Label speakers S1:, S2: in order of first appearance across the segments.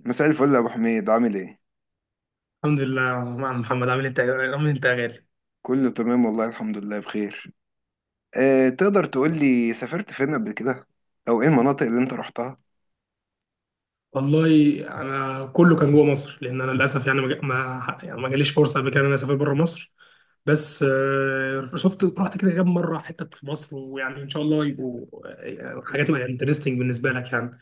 S1: مساء الفل يا ابو حميد، عامل ايه؟
S2: الحمد لله يا عم محمد، عامل انت عامل انت يا غالي.
S1: كله تمام والله، الحمد لله بخير. تقدر تقول لي سافرت فين قبل كده او ايه المناطق اللي انت رحتها؟
S2: والله، انا كله كان جوه مصر، لان انا للاسف يعني ما جا- ما يعني ما جاليش فرصه قبل كده ان انا اسافر بره مصر. بس شفت، رحت كده كام مره حتت في مصر، ويعني ان شاء الله يبقوا حاجات تبقى انترستنج بالنسبه لك يعني.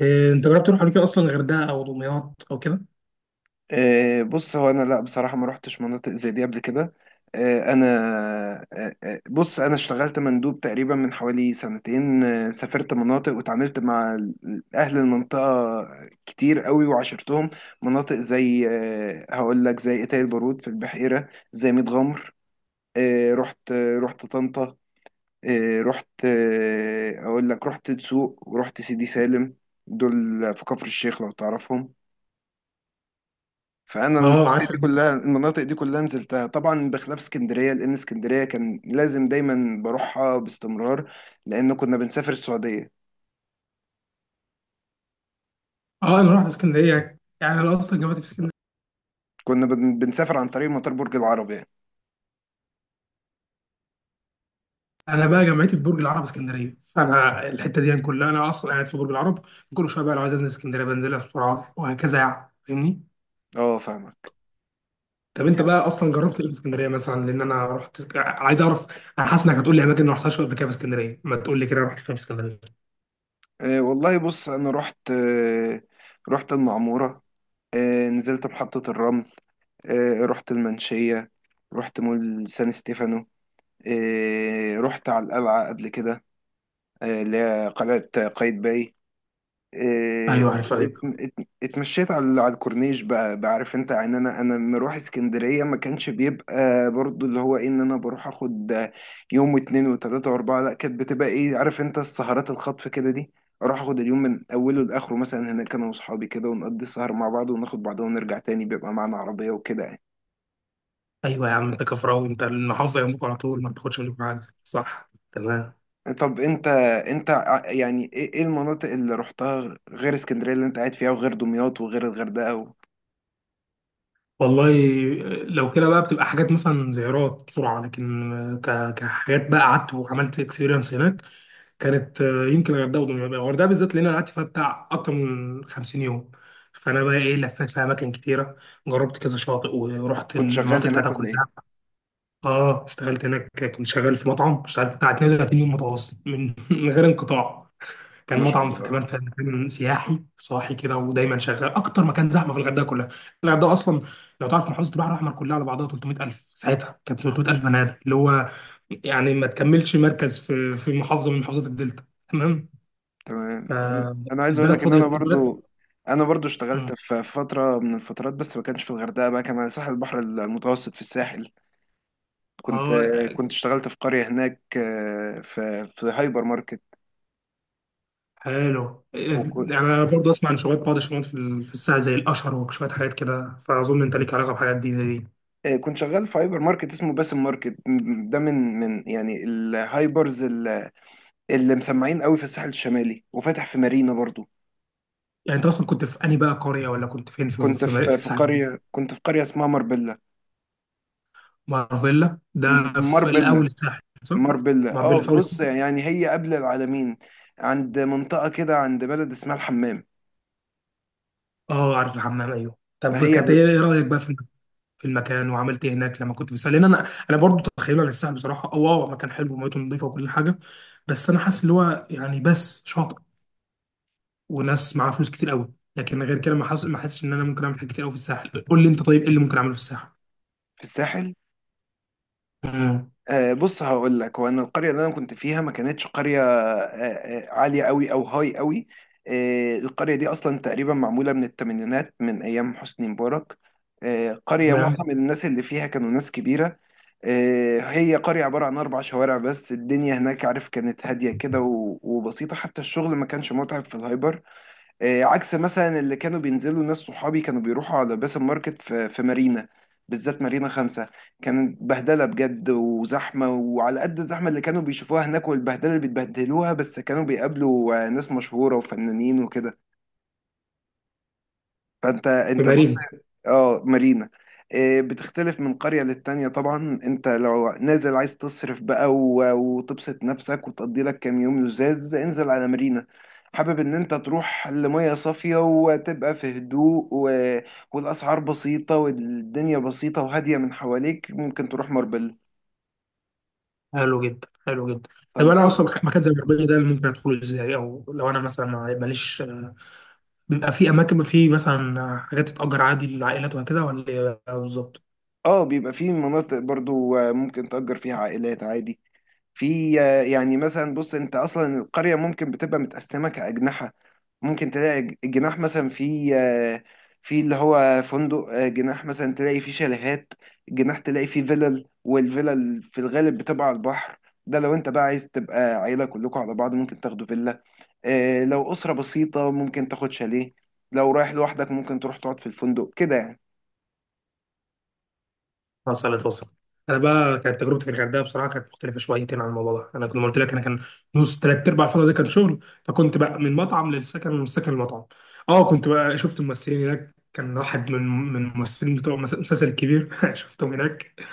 S2: انت جربت تروح قبل كده اصلا الغردقه او دمياط او كده؟
S1: بص، هو انا لا بصراحة ما رحتش مناطق زي دي قبل كده. أه انا أه آه، بص، انا اشتغلت مندوب تقريبا من حوالي سنتين، سافرت مناطق وتعاملت مع اهل المنطقة كتير قوي وعاشرتهم. مناطق زي هقول لك، زي اتاي البارود في البحيرة، زي ميت غمر، أه رحت آه، رحت طنطا، إيه، رحت إيه، اقول لك، رحت دسوق ورحت سيدي سالم. دول في كفر الشيخ لو تعرفهم. فانا المناطق
S2: اه عارف.
S1: دي كلها نزلتها طبعا، بخلاف اسكندريه، لان اسكندريه كان لازم دايما بروحها باستمرار، لان كنا بنسافر السعوديه.
S2: اه انا رحت اسكندريه، يعني انا اصلا جامعتي في اسكندريه.
S1: بنسافر عن طريق مطار برج العرب يعني.
S2: انا بقى جامعتي في برج العرب اسكندريه، فانا الحته دي يعني كلها انا اصلا قاعد في برج العرب. كل شويه بقى لو عايز انزل اسكندريه بنزلها بسرعه وهكذا، يعني فاهمني.
S1: اه فاهمك.
S2: طب انت بقى اصلا جربت ايه في اسكندريه مثلا؟ لان انا رحت عايز اعرف. انا حاسس انك هتقول لي اماكن ما رحتهاش قبل كده في اسكندريه، ما تقول لي كده رحت فين في اسكندريه.
S1: والله بص، انا رحت، رحت المعموره، نزلت محطه الرمل، رحت المنشيه، رحت مول سان ستيفانو، رحت على القلعة قبل كده، اللي هي قلعة قايتباي. إيه،
S2: ايوه عارف ايوه.
S1: اتمشيت على الكورنيش بقى. بعرف انت يعني، انا لما اروح اسكندريه ما كانش بيبقى برضو اللي هو ايه، ان انا بروح اخد يوم واتنين وتلاته واربعه، لا، كانت بتبقى ايه، عارف انت، السهرات الخطف كده دي. اروح اخد اليوم من اوله لاخره مثلا، هناك انا واصحابي كده، ونقضي السهر مع بعض وناخد بعض ونرجع تاني، بيبقى معانا عربيه وكده يعني.
S2: ايوه يا عم انت كفراوي، انت المحافظه جنبك على طول، ما بتاخدش منك حاجه، صح؟ تمام.
S1: طب انت، يعني ايه إيه المناطق اللي رحتها غير اسكندريه اللي انت قاعد فيها، وغير دمياط، وغير الغردقه و...؟
S2: والله، لو كده بقى بتبقى حاجات مثلا زيارات بسرعة، لكن كحاجات بقى قعدت وعملت اكسبيرينس هناك، كانت يمكن الغردقة ودمياط. الغردقة بالذات لأن أنا قعدت فيها بتاع أكتر من 50 يوم، فأنا بقى إيه لفيت في أماكن كتيرة، جربت كذا شاطئ ورحت
S1: كنت شغال
S2: المناطق بتاعتها
S1: هناك ولا ايه؟
S2: كلها. آه اشتغلت هناك. كنت شغال في مطعم، اشتغلت بتاع 32 يوم متواصل من من غير انقطاع. كان
S1: ما شاء
S2: مطعم في
S1: الله.
S2: كمان في مكان سياحي صاحي كده، ودايما شغال اكتر مكان زحمه في الغردقه كلها. الغردقه اصلا لو تعرف محافظه البحر الاحمر كلها على بعضها 300000، ساعتها كانت 300000 بني ادم، اللي هو يعني ما تكملش مركز في محافظه من محافظات الدلتا. تمام.
S1: تمام. أنا عايز اقول
S2: فالبلد
S1: لك ان
S2: فاضيه
S1: انا
S2: البلد.
S1: برضو، انا برضو اشتغلت
S2: مم.
S1: في فتره من الفترات، بس ما كانش في الغردقه بقى، كان على ساحل البحر المتوسط، في الساحل. كنت
S2: اه
S1: كنت اشتغلت في قريه هناك، آه، في هايبر ماركت.
S2: حلو.
S1: وكنت
S2: يعني انا برضه اسمع عن شويه بعض الشغلات في الساعه زي الاشهر وشويه حاجات كده، فاظن انت ليك علاقه بحاجات دي زي دي.
S1: كنت شغال في هايبر ماركت اسمه باسم ماركت. ده من يعني الهايبرز اللي مسمعين قوي في الساحل الشمالي، وفاتح في مارينا برضو.
S2: يعني انت اصلا كنت في انهي بقى قريه، ولا كنت فين
S1: كنت
S2: في
S1: في
S2: الساعه؟
S1: قرية، كنت في قرية اسمها ماربيلا.
S2: مارفيلا ده في الاول
S1: ماربيلا،
S2: الساحل صح؟
S1: ماربيلا. اه،
S2: مارفيلا في اول
S1: بص،
S2: الساحل.
S1: يعني هي قبل العالمين، عند منطقة كده، عند بلد اسمها الحمام.
S2: اه عارف الحمام ايوه.
S1: ما
S2: طب
S1: هي
S2: كانت
S1: ب-
S2: ايه إيه رايك بقى في المكان، وعملت ايه هناك لما كنت في الساحل؟ لان انا برضه تخيل على الساحل بصراحه اه مكان حلو وميته نظيفه وكل حاجه. بس انا حاسس اللي هو يعني بس شاطئ، وناس معاها فلوس كتير قوي، لكن غير كده ما حاسس، ان انا ممكن اعمل حاجات كتير قوي في الساحل. قول لي انت طيب، ايه اللي ممكن اعمله في الساحل؟
S1: في الساحل.
S2: امم
S1: آه، بص، هقول لك. هو انا القريه اللي انا كنت فيها ما كانتش قريه آه، عاليه قوي او هاي قوي. آه، القريه دي اصلا تقريبا معموله من الثمانينات، من ايام حسني مبارك. آه، قريه معظم
S2: تمام.
S1: الناس اللي فيها كانوا ناس كبيره. آه، هي قريه عباره عن اربع شوارع بس. الدنيا هناك، عارف، كانت هاديه كده وبسيطه، حتى الشغل ما كانش متعب في الهايبر. آه، عكس مثلا اللي كانوا بينزلوا، ناس صحابي كانوا بيروحوا على باسم ماركت في مارينا، بالذات مارينا خمسة، كانت بهدلة بجد وزحمة. وعلى قد الزحمة اللي كانوا بيشوفوها هناك والبهدلة اللي بيتبهدلوها، بس كانوا بيقابلوا آه، ناس مشهورة وفنانين وكده. فانت،
S2: في
S1: بص،
S2: مارينا
S1: اه مارينا، آه، بتختلف من قرية للتانية طبعا. انت لو نازل عايز تصرف بقى وتبسط نفسك وتقضي لك كام يوم لزاز، انزل على مارينا. حابب ان انت تروح لمية صافية وتبقى في هدوء و... والاسعار بسيطة والدنيا بسيطة وهادية من حواليك، ممكن تروح ماربل.
S2: حلو جدا حلو جدا. طب
S1: طب
S2: انا
S1: انت،
S2: اصلا مكان زي مارفيلا ده ممكن ادخله ازاي؟ او لو انا مثلا ماليش، بيبقى في اماكن في مثلا حاجات تتأجر عادي للعائلات وهكذا، ولا إيه بالظبط؟
S1: اه بيبقى في مناطق برضو آه، ممكن تأجر فيها عائلات عادي. في آه، يعني مثلا، بص، انت اصلا القريه ممكن بتبقى متقسمه كاجنحه. ممكن تلاقي جناح مثلا في آه، في اللي هو فندق. آه، جناح مثلا تلاقي فيه شاليهات. جناح تلاقي فيه فيلل، والفيلل في الغالب بتبقى على البحر. ده لو انت بقى عايز تبقى عيله كلكم على بعض، ممكن تاخدوا فيلا. آه، لو اسره بسيطه ممكن تاخد شاليه. لو رايح لوحدك ممكن تروح تقعد في الفندق كده يعني.
S2: وصلت وصلت. انا بقى كانت تجربتي في الغردقه بصراحه كانت مختلفه شويتين عن الموضوع ده. انا كنت قلت لك، انا كان نص ثلاث ارباع الفتره دي كان شغل، فكنت بقى من مطعم للسكن ومن السكن للمطعم. اه كنت بقى شفت ممثلين هناك، كان واحد من الممثلين بتوع المسلسل الكبير شفتهم هناك.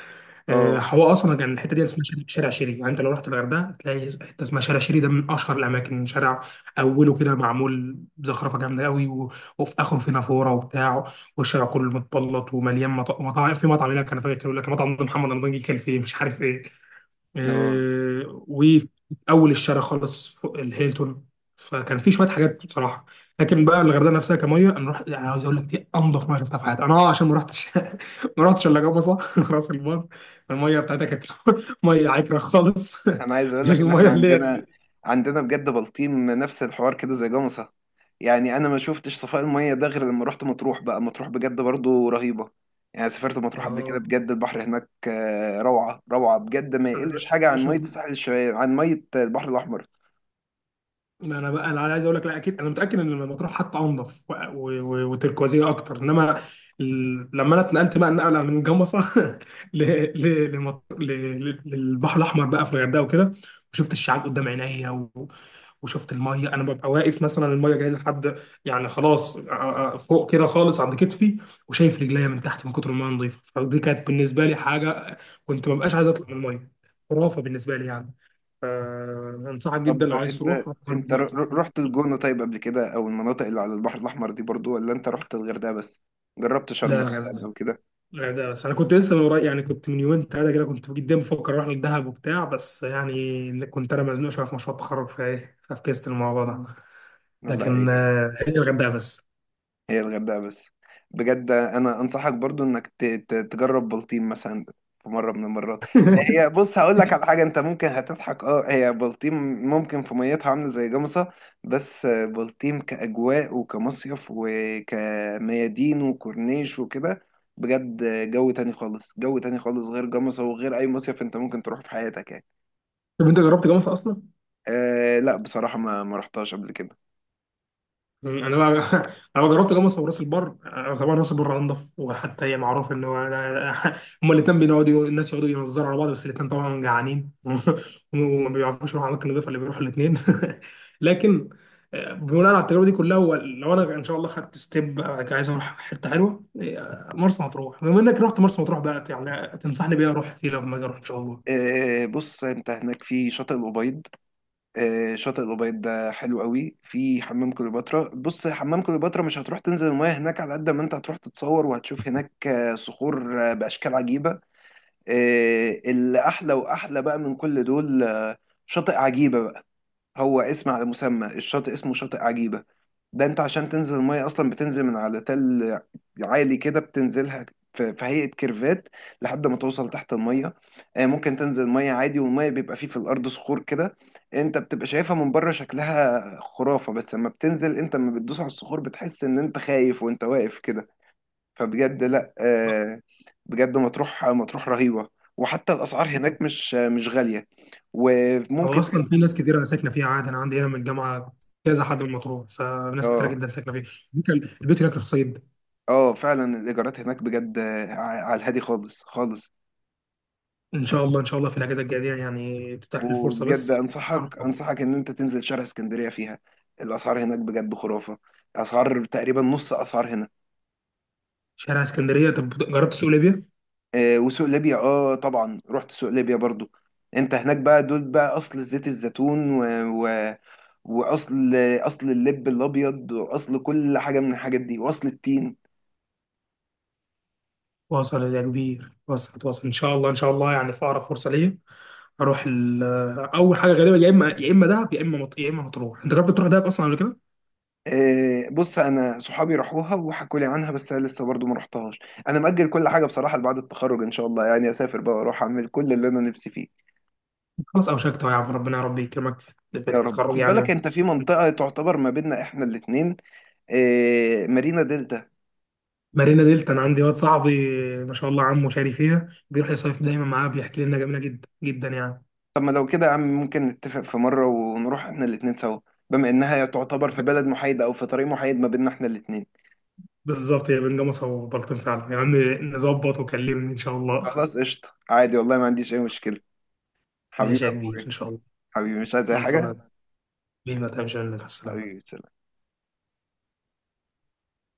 S1: اه.
S2: هو اصلا كان الحته دي اسمها شارع شيري. يعني انت لو رحت الغردقه تلاقي حته اسمها شارع شيري، ده من اشهر الاماكن. شارع اوله كده معمول زخرفه جامده قوي، و... وفي اخره في نافوره وبتاع، والشارع كله متبلط ومليان مطاعم. في مطعم هناك انا فاكر كانوا يقول لك المطعم ده محمد رمضان جه كان فيه مش عارف ايه،
S1: اه.
S2: وفي اول الشارع خالص فوق الهيلتون. فكان في شويه حاجات بصراحه. لكن بقى الغردقه نفسها، كميه انا رحت يعني عاوز اقول لك دي انضف ميه شفتها في حياتي انا، اه عشان ما رحتش ما رحتش الا جبصه راس البر. الميه بتاعتها كانت ميه عكره خالص.
S1: انا عايز اقول
S2: مش
S1: لك ان احنا
S2: الميه
S1: عندنا، عندنا بجد بلطيم نفس الحوار كده زي جمصة. يعني انا ما شفتش صفاء المية ده غير لما رحت مطروح بقى. مطروح بجد برضو رهيبة. يعني سافرت مطروح قبل كده،
S2: اه
S1: بجد البحر هناك آه، روعة روعة بجد، ما
S2: انا
S1: يقلش حاجة عن مية
S2: بشوف.
S1: الساحل الشمالي عن مية البحر الاحمر.
S2: ما انا بقى انا عايز اقول لك لا، اكيد انا متاكد ان مطروح حتى انضف وتركوازيه اكتر. انما لما انا اتنقلت بقى النقله من جمصه ل- للبحر الاحمر بقى في الغردقه وكده، وشفت الشعاب قدام عينيا وشفت الميه. انا ببقى واقف مثلا، الميه جايه لحد، يعني خلاص فوق كده خالص عند كتفي، وشايف رجليا من تحت من كتر الميه نظيفه. فدي كانت بالنسبه لي حاجه، كنت ما بقاش عايز اطلع من الميه، خرافه بالنسبه لي يعني. انصحك جدا
S1: طب
S2: لو عايز
S1: انت،
S2: تروح، روح جرب ميه.
S1: رحت الجونة طيب قبل كده، او المناطق اللي على البحر الاحمر دي برضو، ولا انت رحت الغردقة بس؟ جربت شرم
S2: لا،
S1: مثلا
S2: الغردقة.
S1: او كده؟
S2: الغردقة بس. أنا كنت لسه من قريب يعني، كنت من يومين تلاتة كده كنت جدا بفكر أروح للدهب وبتاع، بس يعني كنت أنا مزنوق شوية في مشروع التخرج فإيه ففكست الموضوع ده.
S1: الله
S2: لكن
S1: يعيدك.
S2: هي الغردقة بس.
S1: هي الغردقة بس. بجد انا انصحك برضو انك تجرب بلطيم مثلا في مرة من المرات. هي بص، هقول لك على حاجة انت ممكن هتضحك. اه، هي بلطيم ممكن في ميتها عاملة زي جمصة، بس بلطيم كأجواء، وكمصيف، وكميادين، وكورنيش، وكده، بجد جو تاني خالص، جو تاني خالص، غير جمصة وغير اي مصيف انت ممكن تروح في حياتك يعني.
S2: طب أنت جربت جامعة أصلا؟
S1: آه لا، بصراحة ما رحتهاش قبل كده.
S2: انا بقى انا بقى جربت جاموسه وراس البر. طبعا راس البر انضف، وحتى هي معروف ان هو هما الاثنين بيقعدوا، الناس يقعدوا ينظروا على بعض بس الاثنين طبعا جعانين وما بيعرفوش يروحوا اماكن نظيفه اللي بيروحوا الاثنين. لكن بناء على التجربه دي كلها، هو لو انا ان شاء الله خدت ستيب عايز اروح حته حلوه، مرسى مطروح بما انك رحت مرسى مطروح بقى يعني، تنصحني بيها اروح فيه لما اجي اروح ان شاء الله؟
S1: آه بص، انت هناك في شاطئ الأبيض. آه، شاطئ الأبيض ده حلو قوي. في حمام كليوباترا. بص، حمام كليوباترا مش هتروح تنزل المياه هناك على قد ما انت هتروح تتصور، وهتشوف هناك آه، صخور آه، بأشكال عجيبة. آه، اللي أحلى وأحلى بقى من كل دول آه، شاطئ عجيبة بقى. هو اسم على مسمى، الشاطئ اسمه شاطئ عجيبة. ده انت عشان تنزل المية اصلا بتنزل من على تل عالي كده بتنزلها، في هيئة كيرفات لحد ما توصل تحت المية. آه، ممكن تنزل مية عادي، والمية بيبقى فيه في الأرض صخور كده، انت بتبقى شايفها من بره شكلها خرافة، بس لما بتنزل انت، لما بتدوس على الصخور بتحس ان انت خايف وانت واقف كده. فبجد لا آه، بجد مطروح، مطروح رهيبة. وحتى الأسعار هناك مش غالية.
S2: هو
S1: وممكن.
S2: اصلا في ناس كتير انا ساكنه فيها، عادي انا عندي هنا من الجامعه كذا حد من مطروح، فناس كتيره
S1: اه.
S2: جدا ساكنه فيها. البيوت هناك رخيصه جدا.
S1: اه فعلا الإيجارات هناك بجد آه، على الهادي خالص خالص.
S2: ان شاء الله ان شاء الله في الاجازه الجايه دي يعني تتاح لي الفرصه
S1: وبجد
S2: بس. أروح
S1: انصحك، انصحك ان انت تنزل شارع اسكندريه فيها. الاسعار هناك بجد خرافه، اسعار تقريبا نص اسعار هنا.
S2: شارع اسكندريه. طب جربت سوق ليبيا؟
S1: آه، وسوق ليبيا، اه طبعا رحت سوق ليبيا برضو. انت هناك بقى، دول بقى اصل زيت الزيتون و... و... واصل، اصل اللب الابيض، واصل كل حاجه من الحاجات دي، واصل التين.
S2: واصل يا كبير، واصل واصل. ان شاء الله ان شاء الله يعني في اقرب فرصه ليا اروح اول حاجه غريبه. يا اما يا اما دهب يا اما يا اما مطروح. انت جربت تروح دهب اصلا قبل كده؟
S1: آه بص، انا صحابي راحوها وحكوا لي عنها، بس انا لسه برضو ما رحتهاش. انا مأجل كل حاجه بصراحه لبعد التخرج، ان شاء الله يعني اسافر بقى واروح اعمل كل اللي انا نفسي فيه.
S2: خلاص اوشكت أهو، يا عم ربنا يا رب يكرمك في
S1: يا رب.
S2: التخرج
S1: خد
S2: يعني.
S1: بالك انت في منطقة تعتبر ما بيننا احنا الاتنين، اه مارينا دلتا.
S2: مارينا دلتا. انا عندي واد صاحبي ما شاء الله عمه شاري فيها، بيروح يصيف دايما معاه، بيحكي لي انها جميله جدا جدا يعني.
S1: طب ما لو كده يا عم ممكن نتفق في مرة ونروح احنا الاتنين سوا، بما انها تعتبر في بلد محايدة او في طريق محايد ما بيننا احنا الاتنين.
S2: بالظبط هي بين جمصة وبلطيم فعلا يا عم. نظبط وكلمني ان شاء الله.
S1: خلاص قشطة، عادي والله ما عنديش اي مشكلة. حبيبي
S2: ماشي
S1: يا
S2: يا كبير ان
S1: اخويا.
S2: شاء الله.
S1: حبيبي مش عايز اي
S2: خلصنا.
S1: حاجة.
S2: بينا تمشي، منك السلام.
S1: حبيبي سلام.